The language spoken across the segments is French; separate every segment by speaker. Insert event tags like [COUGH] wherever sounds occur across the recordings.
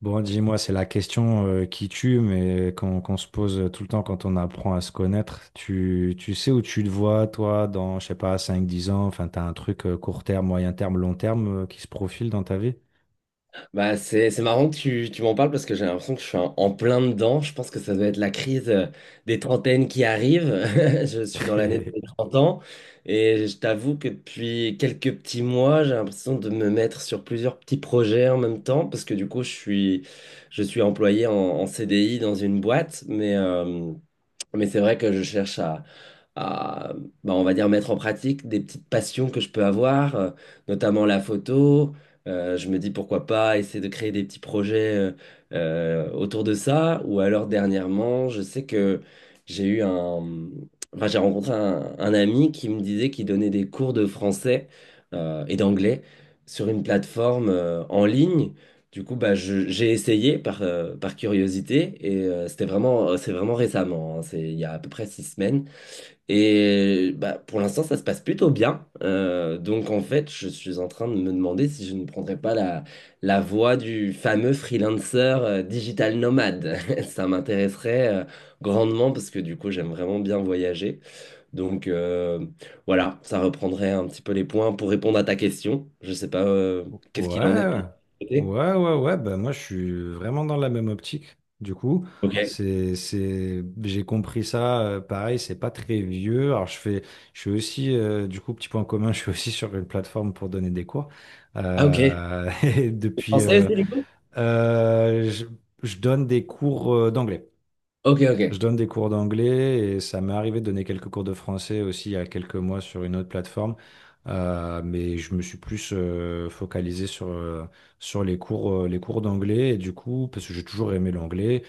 Speaker 1: Bon, dis-moi, c'est la question qui tue, mais qu'on se pose tout le temps quand on apprend à se connaître. Tu sais où tu te vois, toi, dans, je sais pas, cinq, dix ans, enfin, t'as un truc court terme, moyen terme, long terme qui se profile dans ta vie?
Speaker 2: Bah, c'est marrant que tu m'en parles parce que j'ai l'impression que je suis en plein dedans. Je pense que ça doit être la crise des trentaines qui arrive. [LAUGHS] Je suis dans l'année de mes
Speaker 1: [LAUGHS]
Speaker 2: 30 ans et je t'avoue que depuis quelques petits mois, j'ai l'impression de me mettre sur plusieurs petits projets en même temps parce que du coup, je suis employé en CDI dans une boîte, mais c'est vrai que je cherche à, bah, on va dire, mettre en pratique des petites passions que je peux avoir, notamment la photo. Je me dis pourquoi pas essayer de créer des petits projets autour de ça. Ou alors dernièrement, je sais que j'ai eu un... Enfin, j'ai rencontré un ami qui me disait qu'il donnait des cours de français et d'anglais sur une plateforme en ligne. Du coup, bah, j'ai essayé par curiosité et c'est vraiment récemment, hein, c'est il y a à peu près 6 semaines. Et bah, pour l'instant, ça se passe plutôt bien. Donc en fait, je suis en train de me demander si je ne prendrais pas la voie du fameux freelancer digital nomade. [LAUGHS] Ça m'intéresserait grandement parce que du coup, j'aime vraiment bien voyager. Donc voilà, ça reprendrait un petit peu les points pour répondre à ta question. Je sais pas
Speaker 1: Ouais,
Speaker 2: qu'est-ce qu'il en est de ton côté.
Speaker 1: ouais, ouais, ouais, bah moi je suis vraiment dans la même optique. Du coup,
Speaker 2: Ok.
Speaker 1: j'ai compris ça, pareil, c'est pas très vieux. Je suis aussi, du coup, petit point commun, [LAUGHS] je suis aussi sur une plateforme pour donner des cours.
Speaker 2: Ah ok.
Speaker 1: [LAUGHS] Et
Speaker 2: Vous
Speaker 1: depuis,
Speaker 2: Français aussi du coup?
Speaker 1: euh, je, je donne des cours d'anglais.
Speaker 2: Ok,
Speaker 1: Je
Speaker 2: ok.
Speaker 1: donne des cours d'anglais et ça m'est arrivé de donner quelques cours de français aussi il y a quelques mois sur une autre plateforme. Mais je me suis plus focalisé sur les cours d'anglais. Et du coup, parce que j'ai toujours aimé l'anglais,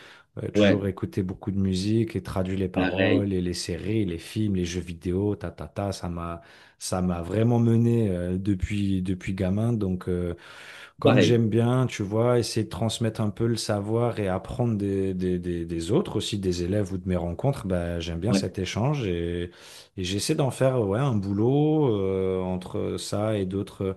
Speaker 2: Ouais.
Speaker 1: toujours écouté beaucoup de musique et traduit les
Speaker 2: Pareil.
Speaker 1: paroles et les séries, les films, les jeux vidéo, ta, ta, ta, ça m'a vraiment mené euh, depuis gamin. Donc, comme
Speaker 2: Pareil.
Speaker 1: j'aime bien, tu vois, essayer de transmettre un peu le savoir et apprendre des autres aussi, des élèves ou de mes rencontres, bah, j'aime bien
Speaker 2: Ouais.
Speaker 1: cet échange, et j'essaie d'en faire ouais, un boulot entre ça et d'autres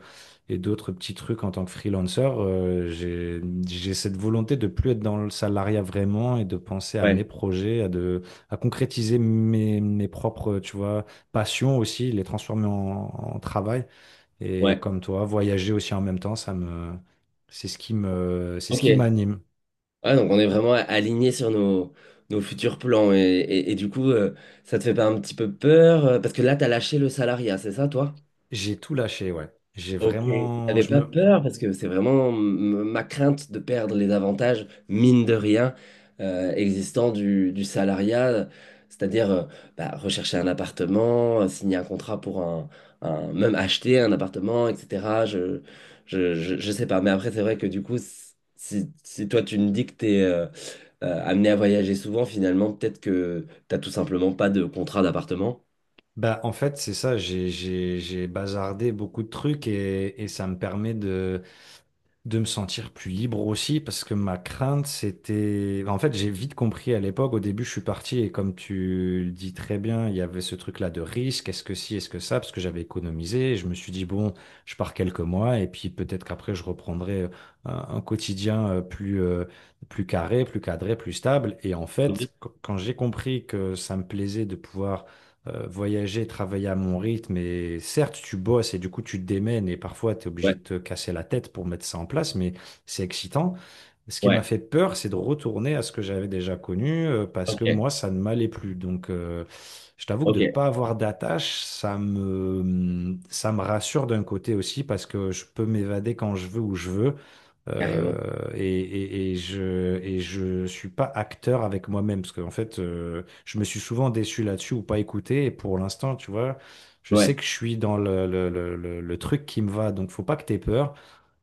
Speaker 1: et d'autres petits trucs en tant que freelancer. J'ai cette volonté de plus être dans le salariat vraiment et de penser à mes
Speaker 2: Ouais.
Speaker 1: projets, à concrétiser mes, mes propres, tu vois, passions aussi, les transformer en travail. Et
Speaker 2: Ouais.
Speaker 1: comme toi, voyager aussi en même temps, c'est c'est ce qui
Speaker 2: Ok.
Speaker 1: m'anime.
Speaker 2: Ouais, donc on est vraiment aligné sur nos futurs plans. Et du coup, ça te fait pas un petit peu peur? Parce que là, t'as lâché le salariat, c'est ça, toi?
Speaker 1: J'ai tout lâché, ouais. J'ai
Speaker 2: Ok.
Speaker 1: vraiment,
Speaker 2: J'avais
Speaker 1: je
Speaker 2: pas
Speaker 1: me,
Speaker 2: peur parce que c'est vraiment ma crainte de perdre les avantages, mine de rien, existants du salariat, c'est-à-dire bah, rechercher un appartement, signer un contrat pour même acheter un appartement, etc. Je sais pas, mais après, c'est vrai que du coup, si toi tu me dis que t'es amené à voyager souvent, finalement, peut-être que t'as tout simplement pas de contrat d'appartement.
Speaker 1: Bah en fait, c'est ça. J'ai bazardé beaucoup de trucs, et ça me permet de me sentir plus libre aussi, parce que ma crainte, En fait, j'ai vite compris à l'époque, au début, je suis parti, et comme tu le dis très bien, il y avait ce truc-là de risque, est-ce que si, est-ce que ça, parce que j'avais économisé, et je me suis dit, bon, je pars quelques mois, et puis peut-être qu'après, je reprendrai un quotidien plus carré, plus cadré, plus stable. Et en
Speaker 2: Oui.
Speaker 1: fait, quand j'ai compris que ça me plaisait de pouvoir voyager, travailler à mon rythme. Et certes, tu bosses et du coup, tu te démènes et parfois, tu es obligé
Speaker 2: Ouais,
Speaker 1: de te casser la tête pour mettre ça en place, mais c'est excitant. Ce qui m'a
Speaker 2: ouais,
Speaker 1: fait peur, c'est de retourner à ce que j'avais déjà connu parce que
Speaker 2: ok,
Speaker 1: moi, ça ne m'allait plus. Donc, je t'avoue que
Speaker 2: ok,
Speaker 1: de ne pas avoir d'attache, ça me rassure d'un côté aussi parce que je peux m'évader quand je veux, où je veux.
Speaker 2: carrément.
Speaker 1: Euh, et je suis pas acteur avec moi-même parce qu'en fait, je me suis souvent déçu là-dessus ou pas écouté. Et pour l'instant, tu vois, je sais
Speaker 2: Ouais,
Speaker 1: que je suis dans le truc qui me va. Donc, faut pas que tu aies peur.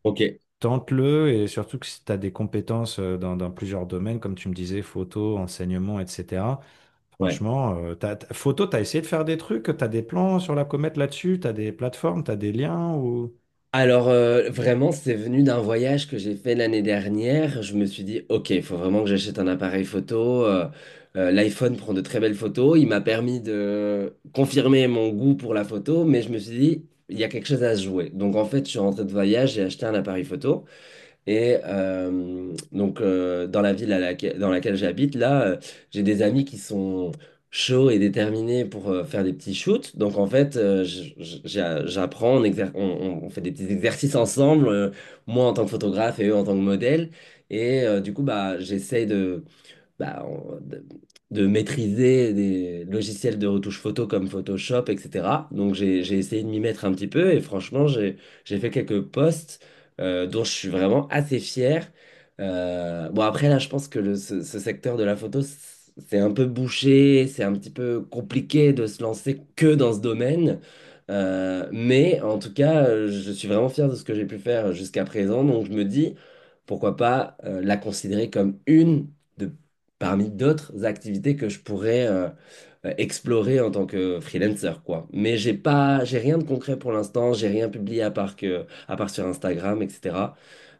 Speaker 2: ok.
Speaker 1: Tente-le, et surtout que si tu as des compétences dans plusieurs domaines, comme tu me disais, photo, enseignement, etc.
Speaker 2: Ouais.
Speaker 1: Franchement, photo, tu as essayé de faire des trucs, tu as des plans sur la comète là-dessus, tu as des plateformes, tu as des liens ou...
Speaker 2: Alors, vraiment, c'est venu d'un voyage que j'ai fait l'année dernière. Je me suis dit, OK, il faut vraiment que j'achète un appareil photo. l'iPhone prend de très belles photos. Il m'a permis de confirmer mon goût pour la photo, mais je me suis dit, il y a quelque chose à se jouer. Donc, en fait, je suis rentré de voyage, j'ai acheté un appareil photo. Et donc, dans la ville à laquelle, dans laquelle j'habite, là, j'ai des amis qui sont chauds et déterminés pour faire des petits shoots. Donc, en fait, j'apprends, on fait des petits exercices ensemble, moi en tant que photographe et eux en tant que modèle. Et du coup, bah, j'essaye bah, on- de, de maîtriser des logiciels de retouche photo comme Photoshop, etc. Donc j'ai essayé de m'y mettre un petit peu et franchement, j'ai fait quelques posts dont je suis vraiment assez fier. Bon, après, là, je pense que ce secteur de la photo, c'est un peu bouché, c'est un petit peu compliqué de se lancer que dans ce domaine. Mais en tout cas, je suis vraiment fier de ce que j'ai pu faire jusqu'à présent. Donc je me dis, pourquoi pas la considérer comme de, parmi d'autres activités que je pourrais explorer en tant que freelancer, quoi. Mais j'ai rien de concret pour l'instant. J'ai rien publié à part sur Instagram, etc.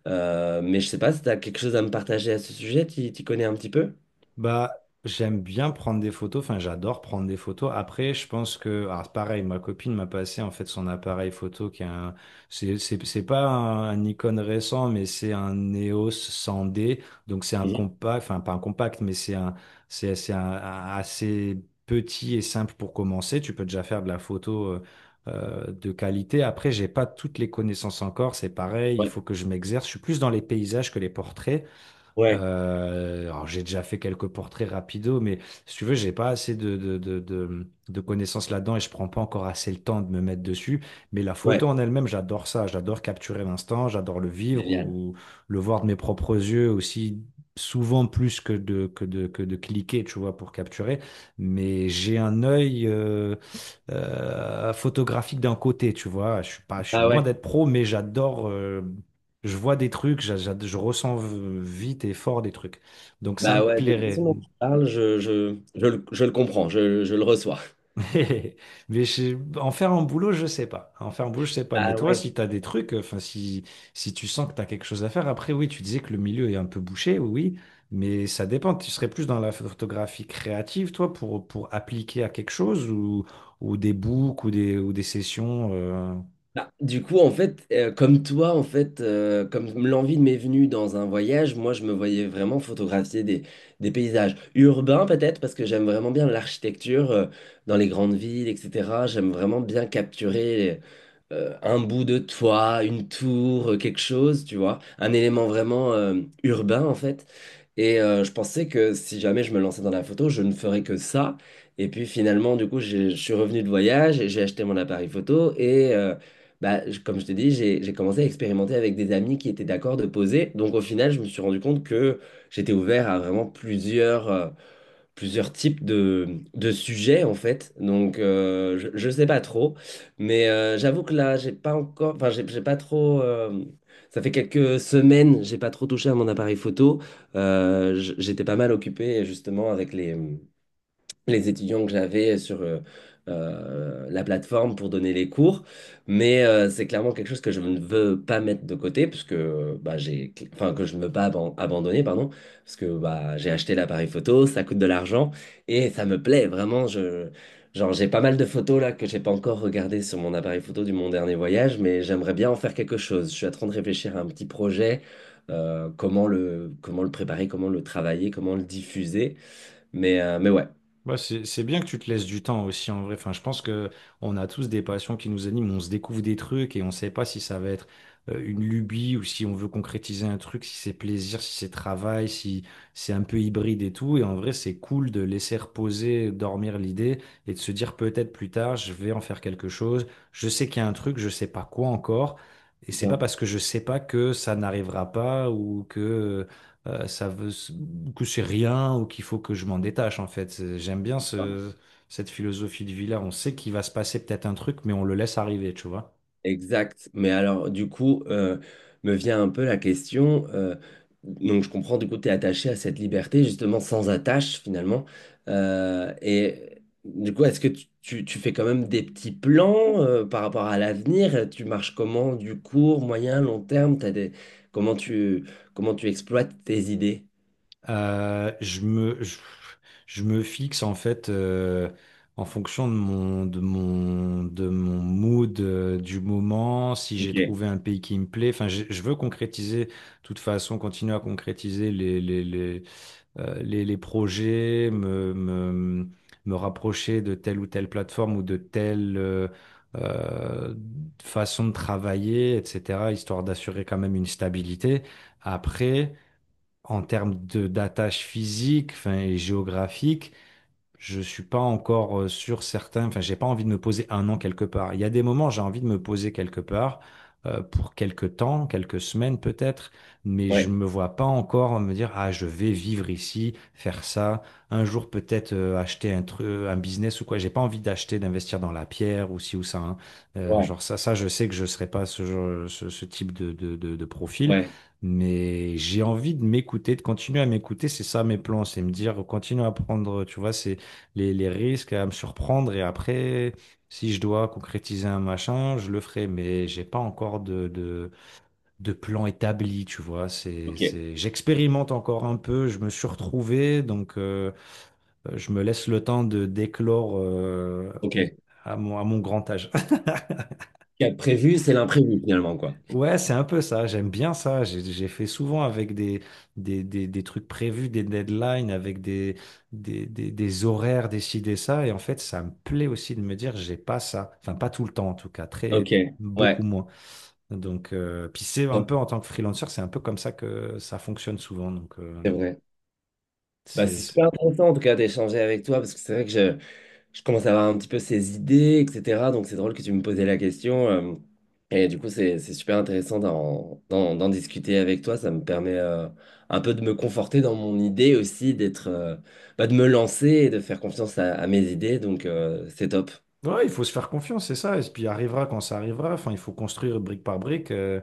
Speaker 2: Mais je sais pas si tu as quelque chose à me partager à ce sujet. Tu t'y connais un petit peu?
Speaker 1: Bah, j'aime bien prendre des photos, enfin j'adore prendre des photos. Après, alors pareil, ma copine m'a passé en fait son appareil photo c'est c'est pas un Nikon récent, mais c'est un EOS 100D, donc c'est un
Speaker 2: Mhm.
Speaker 1: compact, enfin pas un compact, mais c'est un- assez petit et simple pour commencer. Tu peux déjà faire de la photo. De qualité. Après, j'ai pas toutes les connaissances encore, c'est pareil, il
Speaker 2: Ouais.
Speaker 1: faut que je m'exerce. Je suis plus dans les paysages que les portraits.
Speaker 2: Ouais,
Speaker 1: Alors j'ai déjà fait quelques portraits rapido, mais si tu veux, j'ai pas assez de connaissances là-dedans et je prends pas encore assez le temps de me mettre dessus. Mais la
Speaker 2: ouais.
Speaker 1: photo en elle-même, j'adore ça. J'adore capturer l'instant, j'adore le vivre
Speaker 2: Génial.
Speaker 1: ou le voir de mes propres yeux aussi, souvent plus que de cliquer, tu vois, pour capturer. Mais j'ai un œil photographique d'un côté, tu vois. Je suis pas, Je suis
Speaker 2: Ah
Speaker 1: loin
Speaker 2: ouais.
Speaker 1: d'être pro, mais j'adore. Je vois des trucs, je ressens vite et fort des trucs. Donc ça me
Speaker 2: Bah ouais, de la façon
Speaker 1: plairait.
Speaker 2: dont tu parles, je le comprends, je le reçois.
Speaker 1: [LAUGHS] Mais mais en faire un boulot, je sais pas. En faire un boulot, je sais pas. Mais
Speaker 2: Ah
Speaker 1: toi,
Speaker 2: ouais.
Speaker 1: si tu as des trucs, si tu sens que tu as quelque chose à faire, après oui, tu disais que le milieu est un peu bouché, oui, oui. Mais ça dépend. Tu serais plus dans la photographie créative, toi, pour appliquer à quelque chose ou des books ou des sessions.
Speaker 2: Bah, du coup, en fait, comme toi, en fait, comme l'envie m'est venue dans un voyage, moi, je me voyais vraiment photographier des paysages urbains, peut-être, parce que j'aime vraiment bien l'architecture, dans les grandes villes, etc. J'aime vraiment bien capturer un bout de toit, une tour, quelque chose, tu vois, un élément vraiment urbain en fait. Et je pensais que si jamais je me lançais dans la photo, je ne ferais que ça. Et puis finalement, du coup, je suis revenu de voyage et j'ai acheté mon appareil photo. Et bah, comme je t'ai dit, j'ai commencé à expérimenter avec des amis qui étaient d'accord de poser. Donc au final, je me suis rendu compte que j'étais ouvert à vraiment plusieurs types de sujets en fait. Donc je sais pas trop, mais j'avoue que là j'ai pas encore, enfin j'ai pas trop. Ça fait quelques semaines, j'ai pas trop touché à mon appareil photo. J'étais pas mal occupé justement avec les étudiants que j'avais sur la plateforme pour donner les cours. Mais c'est clairement quelque chose que je ne veux pas mettre de côté, parce que, bah, j'ai, enfin, que je ne veux pas abandonner, pardon, parce que bah, j'ai acheté l'appareil photo, ça coûte de l'argent, et ça me plaît vraiment. Je, genre, j'ai pas mal de photos là que j'ai pas encore regardées sur mon appareil photo du mon dernier voyage, mais j'aimerais bien en faire quelque chose. Je suis en train de réfléchir à un petit projet. Comment le préparer, comment le travailler, comment le diffuser. Mais ouais.
Speaker 1: Ouais, c'est bien que tu te laisses du temps aussi en vrai. Enfin, je pense que on a tous des passions qui nous animent, on se découvre des trucs et on ne sait pas si ça va être une lubie ou si on veut concrétiser un truc, si c'est plaisir, si c'est travail, si c'est un peu hybride et tout. Et en vrai, c'est cool de laisser reposer, dormir l'idée et de se dire peut-être plus tard, je vais en faire quelque chose. Je sais qu'il y a un truc, je sais pas quoi encore. Et c'est pas parce que je sais pas que ça n'arrivera pas ou que ça veut que c'est rien ou qu'il faut que je m'en détache en fait. J'aime bien cette philosophie de vie là. On sait qu'il va se passer peut-être un truc, mais on le laisse arriver, tu vois.
Speaker 2: Exact. Mais alors, du coup, me vient un peu la question. Donc, je comprends, du coup, tu es attaché à cette liberté, justement, sans attache, finalement. Et du coup, est-ce que tu fais quand même des petits plans par rapport à l'avenir? Tu marches comment, du court, moyen, long terme? T'as des... Comment tu, Comment tu exploites tes idées?
Speaker 1: Euh, je me, je, je me fixe en fait en fonction de mon mood du moment, si j'ai
Speaker 2: Ok.
Speaker 1: trouvé un pays qui me plaît. Je veux concrétiser, de toute façon, continuer à concrétiser les projets, me rapprocher de telle ou telle plateforme ou de telle euh, façon de travailler, etc., histoire d'assurer quand même une stabilité. Après, en termes de d'attache physique, enfin, et géographique, je suis pas encore sûr certain. Enfin, j'ai pas envie de me poser un an quelque part. Il y a des moments, j'ai envie de me poser quelque part pour quelque temps, quelques semaines peut-être, mais je
Speaker 2: Ouais.
Speaker 1: me vois pas encore me dire, ah, je vais vivre ici, faire ça. Un jour peut-être acheter un truc, un business ou quoi. J'ai pas envie d'acheter, d'investir dans la pierre ou ci ou ça, hein.
Speaker 2: Ouais.
Speaker 1: Je sais que je serai pas ce type de profil.
Speaker 2: Ouais.
Speaker 1: Mais j'ai envie de m'écouter, de continuer à m'écouter, c'est ça mes plans, c'est me dire, continue à prendre, tu vois, c'est les risques à me surprendre, et après, si je dois concrétiser un machin, je le ferai, mais j'ai pas encore de plan établi, tu vois.
Speaker 2: Ok.
Speaker 1: J'expérimente encore un peu, je me suis retrouvé, donc je me laisse le temps de d'éclore
Speaker 2: Ok. Ce
Speaker 1: à mon grand âge.
Speaker 2: qui est prévu, c'est l'imprévu, finalement, quoi.
Speaker 1: Ouais, c'est un peu ça, j'aime bien ça. J'ai fait souvent avec des trucs prévus, des deadlines, avec des horaires décidés, ça. Et en fait, ça me plaît aussi de me dire, j'ai pas ça. Enfin, pas tout le temps en tout cas,
Speaker 2: Ok.
Speaker 1: beaucoup
Speaker 2: Ouais.
Speaker 1: moins. Donc, puis c'est un peu en tant que freelanceur, c'est un peu comme ça que ça fonctionne souvent. Donc,
Speaker 2: C'est vrai. Bah,
Speaker 1: c'est,
Speaker 2: c'est
Speaker 1: c'est-
Speaker 2: super intéressant en tout cas d'échanger avec toi parce que c'est vrai que je commence à avoir un petit peu ces idées, etc. Donc c'est drôle que tu me posais la question. Et du coup, c'est super intéressant d'en discuter avec toi. Ça me permet un peu de me conforter dans mon idée aussi, bah, de me lancer et de faire confiance à mes idées. Donc c'est top.
Speaker 1: ouais, il faut se faire confiance, c'est ça. Et puis, arrivera quand ça arrivera. Enfin, il faut construire brique par brique.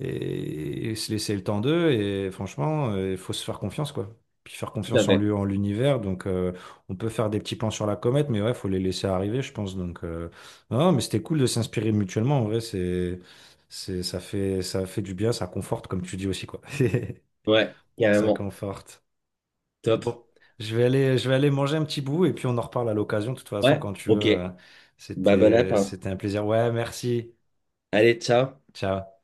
Speaker 1: Et se laisser le temps d'eux. Et franchement, il faut se faire confiance, quoi. Puis faire
Speaker 2: Tout à
Speaker 1: confiance en
Speaker 2: fait.
Speaker 1: lui, en l'univers. Donc, on peut faire des petits plans sur la comète, mais ouais, faut les laisser arriver, je pense. Donc, non, non, mais c'était cool de s'inspirer mutuellement. En vrai, ça fait du bien, ça conforte, comme tu dis aussi, quoi. [LAUGHS]
Speaker 2: Ouais,
Speaker 1: Ça
Speaker 2: carrément.
Speaker 1: conforte.
Speaker 2: Top.
Speaker 1: Bon, je vais aller manger un petit bout et puis on en reparle à l'occasion. De toute façon,
Speaker 2: Ouais,
Speaker 1: quand tu veux,
Speaker 2: ok. Bah, bon app, hein.
Speaker 1: c'était un plaisir. Ouais, merci.
Speaker 2: Allez, ciao.
Speaker 1: Ciao.